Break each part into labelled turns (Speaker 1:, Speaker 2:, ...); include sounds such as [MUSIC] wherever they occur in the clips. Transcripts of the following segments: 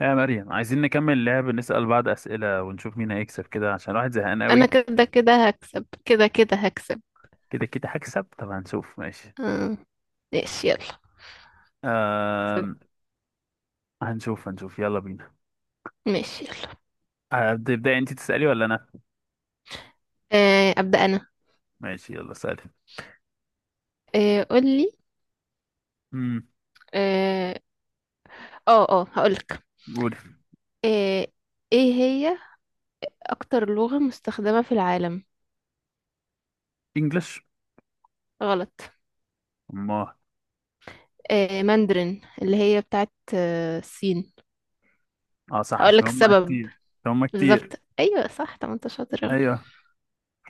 Speaker 1: يا مريم عايزين نكمل لعب، نسأل بعض أسئلة ونشوف مين هيكسب كده عشان الواحد زهقان
Speaker 2: انا
Speaker 1: قوي.
Speaker 2: كده كده هكسب، كده كده هكسب.
Speaker 1: كده كده هكسب؟ طب هنشوف. ماشي.
Speaker 2: آه. ماشي يلا.
Speaker 1: أم... هنشوف يلا بينا.
Speaker 2: ماشي يلا.
Speaker 1: هبدأ. ابدأي انت تسألي ولا أنا؟
Speaker 2: آه. ابدا انا.
Speaker 1: ماشي يلا سألي.
Speaker 2: آه. قولي.
Speaker 1: امم
Speaker 2: اه، اه، هقولك.
Speaker 1: قولي.
Speaker 2: آه. ايه هي اكتر لغة مستخدمة في العالم؟
Speaker 1: انجلش.
Speaker 2: غلط.
Speaker 1: ما
Speaker 2: آه. ماندرين، اللي هي بتاعت الصين.
Speaker 1: اه صح،
Speaker 2: هقولك
Speaker 1: عشان هم
Speaker 2: السبب.
Speaker 1: كتير. عشان هم كتير.
Speaker 2: بالظبط. ايوه صح. طب ما انت شاطر أهو.
Speaker 1: ايوه،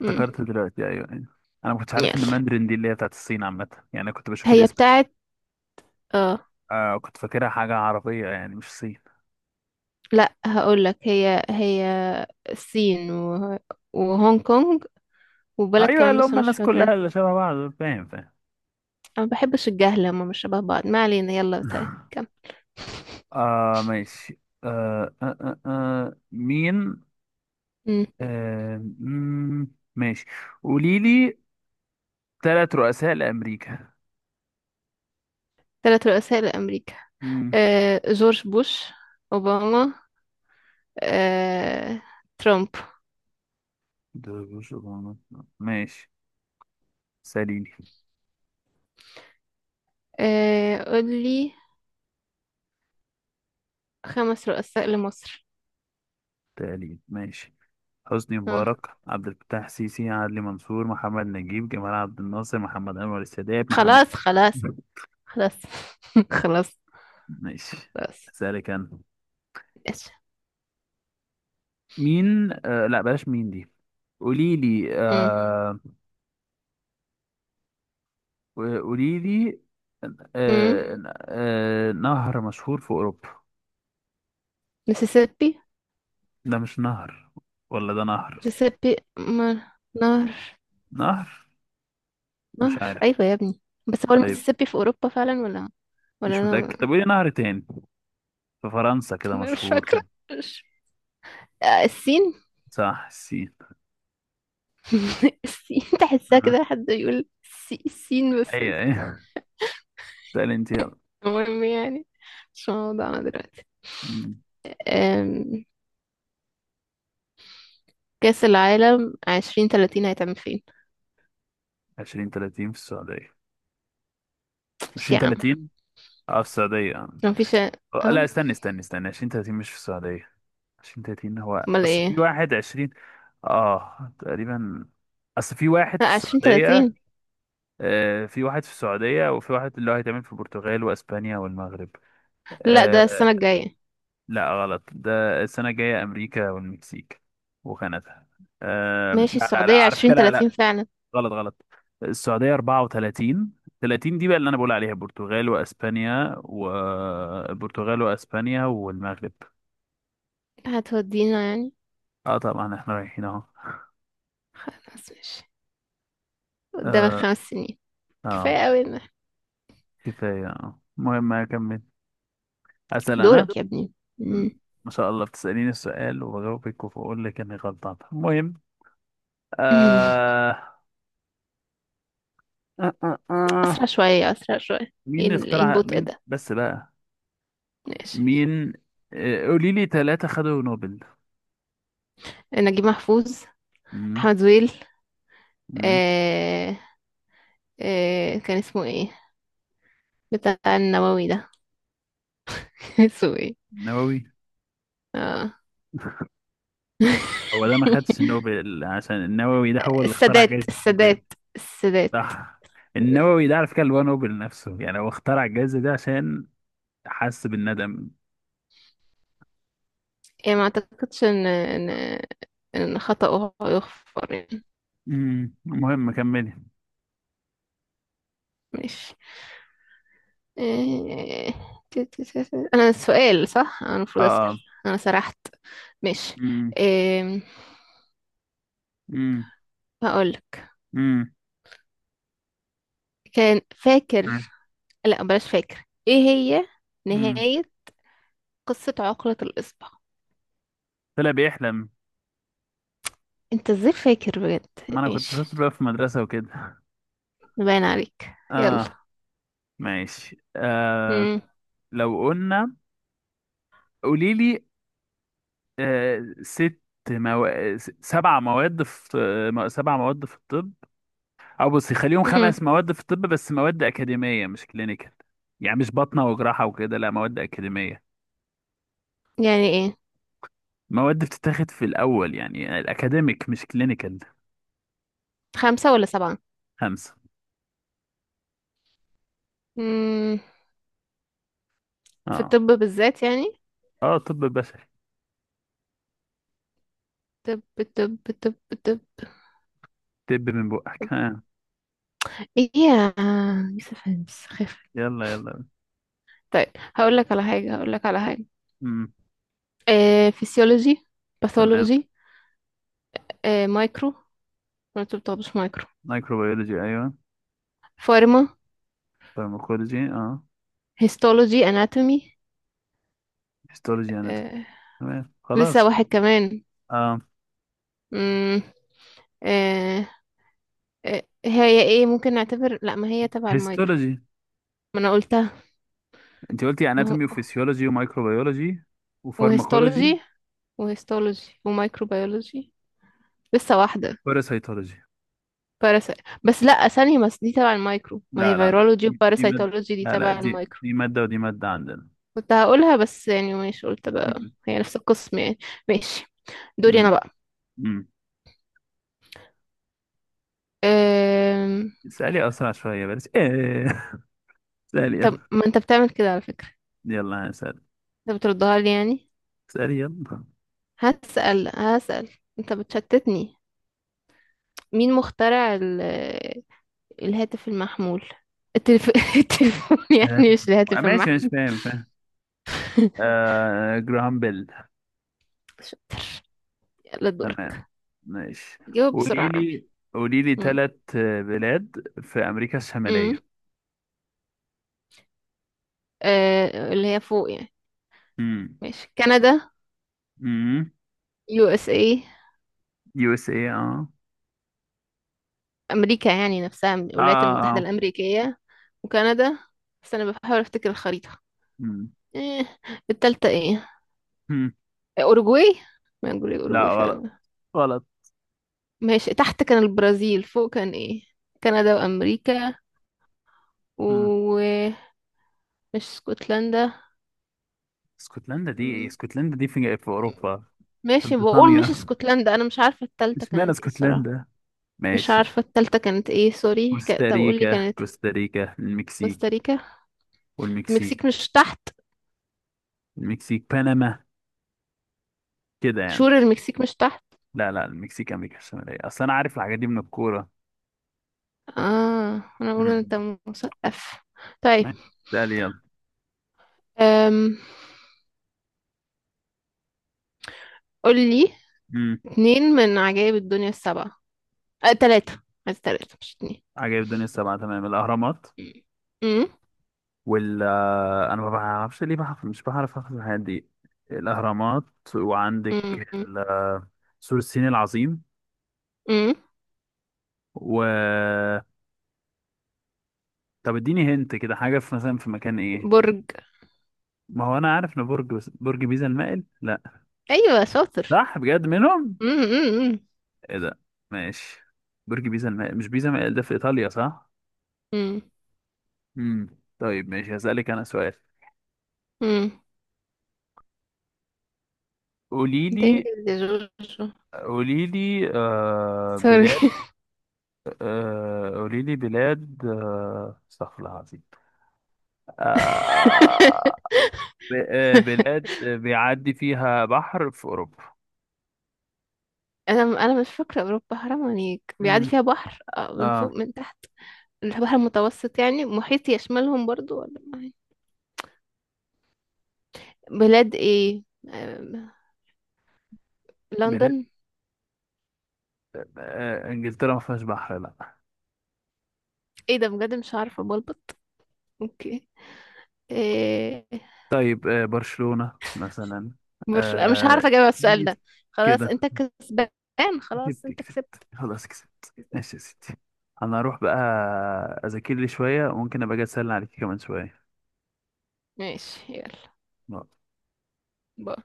Speaker 2: مم.
Speaker 1: دلوقتي، ايوه. انا ما كنتش عارف
Speaker 2: يلا.
Speaker 1: ان ماندرين دي اللي هي بتاعت الصين عامة، يعني أنا كنت بشوف
Speaker 2: هي
Speaker 1: الاسم.
Speaker 2: بتاعت. اه.
Speaker 1: آه، كنت فاكرها حاجة عربية يعني، مش صين.
Speaker 2: لا هقولك. هي هي الصين وهونج كونج وبلد
Speaker 1: ايوه،
Speaker 2: كمان،
Speaker 1: اللي
Speaker 2: بس
Speaker 1: هم
Speaker 2: أنا مش
Speaker 1: الناس
Speaker 2: فاكرة.
Speaker 1: كلها اللي شبه بعض، فاهم.
Speaker 2: أنا بحبش الجهل، هما مش شبه بعض. ما علينا، يلا. طيب
Speaker 1: [LAUGHS]
Speaker 2: كم؟
Speaker 1: ماشي. مين آه مم، ماشي، قولي لي ثلاث رؤساء لأمريكا.
Speaker 2: ثلاث رؤساء لأمريكا.
Speaker 1: مم،
Speaker 2: جورج بوش، أوباما، آه، ترامب.
Speaker 1: ده بوش، أوباما. ماشي، ساليني.
Speaker 2: قولي. خمس رؤساء لمصر.
Speaker 1: تقليد، ماشي. حسني
Speaker 2: آه.
Speaker 1: مبارك، عبد الفتاح السيسي، عدلي منصور، محمد نجيب، جمال عبد الناصر، محمد أنور السادات، محمد...
Speaker 2: خلاص خلاص
Speaker 1: [LAUGHS]
Speaker 2: خلاص. [LAUGHS] خلاص
Speaker 1: ماشي،
Speaker 2: خلاص.
Speaker 1: أسألك أنا.
Speaker 2: ايش؟
Speaker 1: مين آه لا بلاش مين دي. قولي لي،
Speaker 2: مم.
Speaker 1: وقولي لي،
Speaker 2: مم.
Speaker 1: آه نهر مشهور في أوروبا.
Speaker 2: مسيسيبي.
Speaker 1: ده مش نهر؟ ولا ده نهر؟
Speaker 2: مسيسيبي نهر.
Speaker 1: نهر. مش
Speaker 2: نهر،
Speaker 1: عارف.
Speaker 2: أيوة يا ابني. بس هو
Speaker 1: طيب،
Speaker 2: المسيسيبي في أوروبا فعلا، ولا ولا
Speaker 1: مش
Speaker 2: أنا؟
Speaker 1: متأكد. طب
Speaker 2: [LAUGHS]
Speaker 1: قولي نهر تاني في فرنسا كده
Speaker 2: ما أنا مش
Speaker 1: مشهور.
Speaker 2: فاكرة. مش... الصين.
Speaker 1: صح، السين.
Speaker 2: [LAUGHS] السين. تحسها
Speaker 1: آه،
Speaker 2: كده حد يقول السين بس.
Speaker 1: أيوه أيوه. سأل أنت يلا.
Speaker 2: المهم يعني، مش موضوعنا دلوقتي.
Speaker 1: مم،
Speaker 2: أم، كأس العالم 2030 هيتعمل فين؟
Speaker 1: عشرين تلاتين في السعودية.
Speaker 2: مش
Speaker 1: عشرين
Speaker 2: يا عم.
Speaker 1: تلاتين. اه، في السعودية.
Speaker 2: مفيش اه
Speaker 1: لا، استني، عشرين تلاتين مش في السعودية. عشرين تلاتين هو
Speaker 2: امال
Speaker 1: أصل في
Speaker 2: ايه؟
Speaker 1: واحد عشرين. اه تقريبا. أصل في واحد في
Speaker 2: لا، عشرين
Speaker 1: السعودية.
Speaker 2: تلاتين
Speaker 1: في واحد في السعودية، وفي واحد اللي هو هيتعمل في البرتغال وأسبانيا والمغرب.
Speaker 2: لا،
Speaker 1: آه،
Speaker 2: ده السنة الجاية.
Speaker 1: لا غلط، ده السنة الجاية أمريكا والمكسيك وكندا. آه،
Speaker 2: ماشي،
Speaker 1: لا لا لا
Speaker 2: السعودية
Speaker 1: عارف
Speaker 2: عشرين
Speaker 1: كده، لا.
Speaker 2: تلاتين فعلا.
Speaker 1: غلط غلط. السعودية 34. 30 دي بقى اللي أنا بقول عليها، البرتغال وأسبانيا، والبرتغال وأسبانيا والمغرب.
Speaker 2: هتودينا يعني.
Speaker 1: اه طبعا، احنا رايحين اهو.
Speaker 2: خلاص ماشي. قدامك
Speaker 1: اه.
Speaker 2: 5 سنين،
Speaker 1: آه،
Speaker 2: كفاية قوي
Speaker 1: كفاية، اه المهم أكمل. أسأل أنا.
Speaker 2: دورك يا ابني. مم.
Speaker 1: مم. ما شاء الله، بتسأليني السؤال وبجاوبك وبقول لك اني غلطان. المهم...
Speaker 2: [LAUGHS]
Speaker 1: آه... آه... آه...
Speaker 2: أسرع
Speaker 1: آه.
Speaker 2: شوية، أسرع شوية.
Speaker 1: مين
Speaker 2: ايه
Speaker 1: اللي
Speaker 2: إيه
Speaker 1: اخترع؟
Speaker 2: البطء
Speaker 1: مين
Speaker 2: ده؟
Speaker 1: بس بقى؟
Speaker 2: ماشي.
Speaker 1: مين؟ قولي لي ثلاثة خدوا نوبل.
Speaker 2: نجيب محفوظ،
Speaker 1: مم.
Speaker 2: أحمد زويل،
Speaker 1: مم.
Speaker 2: آه كان اسمه ايه بتاع النووي ده؟ [LAUGHS] كان اسمه ايه؟
Speaker 1: نووي.
Speaker 2: اه.
Speaker 1: هو ده ما خدش
Speaker 2: [LAUGHS]
Speaker 1: نوبل، عشان النووي ده هو اللي اخترع
Speaker 2: السادات،
Speaker 1: جائزة نوبل.
Speaker 2: السادات، السادات.
Speaker 1: صح. النووي ده على فكرة اللي هو نوبل نفسه يعني، هو اخترع الجائزة دي عشان حس بالندم.
Speaker 2: يعني ما اعتقدش ان ان خطأه يغفر يعني.
Speaker 1: المهم كملي.
Speaker 2: ماشي. آه، تي- تي- تي- تي. انا السؤال صح، انا
Speaker 1: اه
Speaker 2: المفروض اسأل.
Speaker 1: اه.
Speaker 2: انا سرحت. ماشي.
Speaker 1: مم.
Speaker 2: آم،
Speaker 1: مم.
Speaker 2: هقولك.
Speaker 1: مم.
Speaker 2: كان فاكر، لا بلاش. فاكر ايه هي
Speaker 1: مم.
Speaker 2: نهاية قصة عقلة الإصبع؟
Speaker 1: طلع بيحلم.
Speaker 2: انت ازاي فاكر بجد؟
Speaker 1: ما انا
Speaker 2: ايش!
Speaker 1: كنت شاطر بقى في المدرسة وكده.
Speaker 2: باين عليك، يلا.
Speaker 1: اه، ماشي.
Speaker 2: امم
Speaker 1: لو قلنا، قولي لي ست، مو... سبع مواد في سبع مواد في الطب، او بصي خليهم
Speaker 2: امم
Speaker 1: خمس مواد في الطب، بس مواد اكاديمية مش كلينيكال. يعني مش باطنة وجراحة وكده، لا، مواد اكاديمية.
Speaker 2: يعني ايه؟
Speaker 1: مواد بتتاخد في الاول يعني، الاكاديميك مش كلينيكال.
Speaker 2: خمسة ولا سبعة؟
Speaker 1: خمسة.
Speaker 2: امم في
Speaker 1: اه
Speaker 2: الطب بالذات يعني.
Speaker 1: اه، طب بشري.
Speaker 2: طب طب طب طب.
Speaker 1: طب من بقك، ها!
Speaker 2: ايه يا يوسف هانس خف؟
Speaker 1: يلا يلا.
Speaker 2: طيب. هقول لك على حاجة، هقول لك على حاجة.
Speaker 1: امم
Speaker 2: فيسيولوجي،
Speaker 1: تمام.
Speaker 2: باثولوجي، مايكرو. ما انتوا بتاخدوش مايكرو؟
Speaker 1: مايكروبيولوجي ايوه.
Speaker 2: فارما.
Speaker 1: فارماكولوجي اه.
Speaker 2: هيستولوجي، اناتومي.
Speaker 1: هيستولوجي، اناتومي.
Speaker 2: آه
Speaker 1: تمام،
Speaker 2: لسه
Speaker 1: خلاص.
Speaker 2: واحد كمان.
Speaker 1: آه.
Speaker 2: امم هي ايه؟ ممكن نعتبر، لا ما هي تبع المايكرو.
Speaker 1: هيستولوجي.
Speaker 2: ما انا قلتها.
Speaker 1: انت قلتي
Speaker 2: ما هو
Speaker 1: اناتومي وفسيولوجي ومايكروبيولوجي وفارماكولوجي
Speaker 2: وهيستولوجي. ومايكروبيولوجي. لسه واحدة.
Speaker 1: وباراسيتولوجي.
Speaker 2: باراسي. بس لا، ثانية بس، دي تبع المايكرو. ما هي
Speaker 1: لا،
Speaker 2: فيرولوجي
Speaker 1: دي مادة،
Speaker 2: وباراسيتولوجي دي
Speaker 1: لا،
Speaker 2: تبع
Speaker 1: دي
Speaker 2: المايكرو.
Speaker 1: دي مادة ودي مادة عندنا.
Speaker 2: كنت هقولها بس يعني، مش قلت بقى.
Speaker 1: مم.
Speaker 2: هي نفس القسم يعني. ماشي، دوري انا
Speaker 1: مم.
Speaker 2: بقى.
Speaker 1: مم.
Speaker 2: أم...
Speaker 1: اسألي أسرع شوية، بلاش ايه. [LAUGHS] اسألي
Speaker 2: طب
Speaker 1: يلا.
Speaker 2: ما انت بتعمل كده على فكرة.
Speaker 1: يلا أنا هسأل.
Speaker 2: انت بتردها لي يعني.
Speaker 1: اسألي يلا.
Speaker 2: هسأل هسأل. انت بتشتتني. مين مخترع الهاتف المحمول؟ التلف... [LAUGHS] التليفون
Speaker 1: آه،
Speaker 2: يعني، مش الهاتف
Speaker 1: ماشي ماشي،
Speaker 2: المحمول.
Speaker 1: فاهم. آه، جراهام بيل.
Speaker 2: شاطر. يلا،
Speaker 1: تمام،
Speaker 2: دورك.
Speaker 1: ماشي.
Speaker 2: جاوب بسرعة
Speaker 1: قولي
Speaker 2: يا رامي.
Speaker 1: لي، قولي لي
Speaker 2: مم.
Speaker 1: ثلاث بلاد في امريكا
Speaker 2: مم.
Speaker 1: الشماليه.
Speaker 2: اللي هي فوق يعني.
Speaker 1: امم
Speaker 2: ماشي، كندا،
Speaker 1: امم
Speaker 2: USA.
Speaker 1: يو اس اي. اه
Speaker 2: أمريكا يعني نفسها من
Speaker 1: اه
Speaker 2: الولايات المتحدة
Speaker 1: اه.
Speaker 2: الأمريكية. وكندا. بس أنا بحاول أفتكر الخريطة.
Speaker 1: امم
Speaker 2: إيه التالتة؟ إيه؟
Speaker 1: أمم.
Speaker 2: أوروجواي. ما أقول
Speaker 1: لا
Speaker 2: أوروجواي
Speaker 1: غلط،
Speaker 2: فعلا.
Speaker 1: غلط.
Speaker 2: ماشي، تحت كان البرازيل، فوق كان إيه؟ كندا وأمريكا،
Speaker 1: امم
Speaker 2: ومش اسكتلندا.
Speaker 1: اسكتلندا دي ايه؟ اسكتلندا دي في اوروبا، في
Speaker 2: ماشي، بقول مش
Speaker 1: بريطانيا.
Speaker 2: اسكتلندا. انا مش عارفه
Speaker 1: [LAUGHS]
Speaker 2: التالتة
Speaker 1: اشمعنى
Speaker 2: كانت ايه الصراحه.
Speaker 1: اسكتلندا؟
Speaker 2: مش
Speaker 1: ماشي،
Speaker 2: عارفه التالتة كانت ايه. سوري. طب قول لي
Speaker 1: كوستاريكا.
Speaker 2: كانت.
Speaker 1: كوستاريكا، المكسيك.
Speaker 2: كوستاريكا.
Speaker 1: والمكسيك.
Speaker 2: المكسيك مش تحت؟
Speaker 1: المكسيك، بنما، كده يعني.
Speaker 2: شور المكسيك مش تحت.
Speaker 1: لا لا، المكسيك امريكا الشماليه، اصل انا عارف الحاجات دي من الكوره.
Speaker 2: اه، انا بقول إن انت
Speaker 1: امم
Speaker 2: مثقف. طيب.
Speaker 1: اسالي يلا.
Speaker 2: أم... قول لي
Speaker 1: امم
Speaker 2: اتنين من عجائب الدنيا السبعة. تلاتة. عايز تلاتة مش اتنين.
Speaker 1: عجائب الدنيا السبعة. تمام، الأهرامات.
Speaker 2: أم،
Speaker 1: وال أنا ما بعرفش ليه بعرف، مش بعرف أخد الحاجات دي. الأهرامات، وعندك
Speaker 2: أم، أم،
Speaker 1: ال... آه، سور الصين العظيم،
Speaker 2: أم.
Speaker 1: و... طب اديني هنت كده حاجة في، مثلا في مكان. إيه؟
Speaker 2: برج.
Speaker 1: ما هو أنا عارف إن برج، برج بيزا المائل، لا؟
Speaker 2: أيوة شاطر.
Speaker 1: صح، بجد منهم.
Speaker 2: أم، أم، أم،
Speaker 1: إيه ده! ماشي. برج بيزا المائل، مش بيزا المائل ده في إيطاليا؟ صح.
Speaker 2: أم،
Speaker 1: امم، طيب ماشي، هسألك أنا سؤال.
Speaker 2: أم.
Speaker 1: قولي
Speaker 2: ده
Speaker 1: لي،
Speaker 2: إنجليزي يا جورجو.
Speaker 1: قولي لي
Speaker 2: سوري.
Speaker 1: بلاد، قولي لي بلاد، استغفر الله العظيم. آه،
Speaker 2: [LAUGHS]
Speaker 1: بلاد بيعدي فيها بحر في أوروبا.
Speaker 2: انا مش فاكره اوروبا هرم يعني بيعدي
Speaker 1: مم.
Speaker 2: فيها بحر من
Speaker 1: اه،
Speaker 2: فوق من تحت؟ البحر المتوسط يعني محيط يشملهم برضو، ولا ما هي؟ بلاد ايه؟ آم،
Speaker 1: بلاد،
Speaker 2: لندن.
Speaker 1: إنجلترا ما فيهاش بحر، لا.
Speaker 2: ايه ده بجد؟ مش عارفه بلبط. اوكي. إيه؟
Speaker 1: طيب، برشلونة مثلا.
Speaker 2: مش
Speaker 1: آه،
Speaker 2: هعرف اجاوب على السؤال ده.
Speaker 1: جيت
Speaker 2: خلاص
Speaker 1: كده.
Speaker 2: انت كسبان. خلاص
Speaker 1: كسبت
Speaker 2: انت كسبت.
Speaker 1: كسبت، خلاص كسبت، ماشي يا ستي. انا هروح بقى اذاكر لي شوية، وممكن ابقى اجي اسألني عليك كمان شوية.
Speaker 2: ماشي، يلا. باي.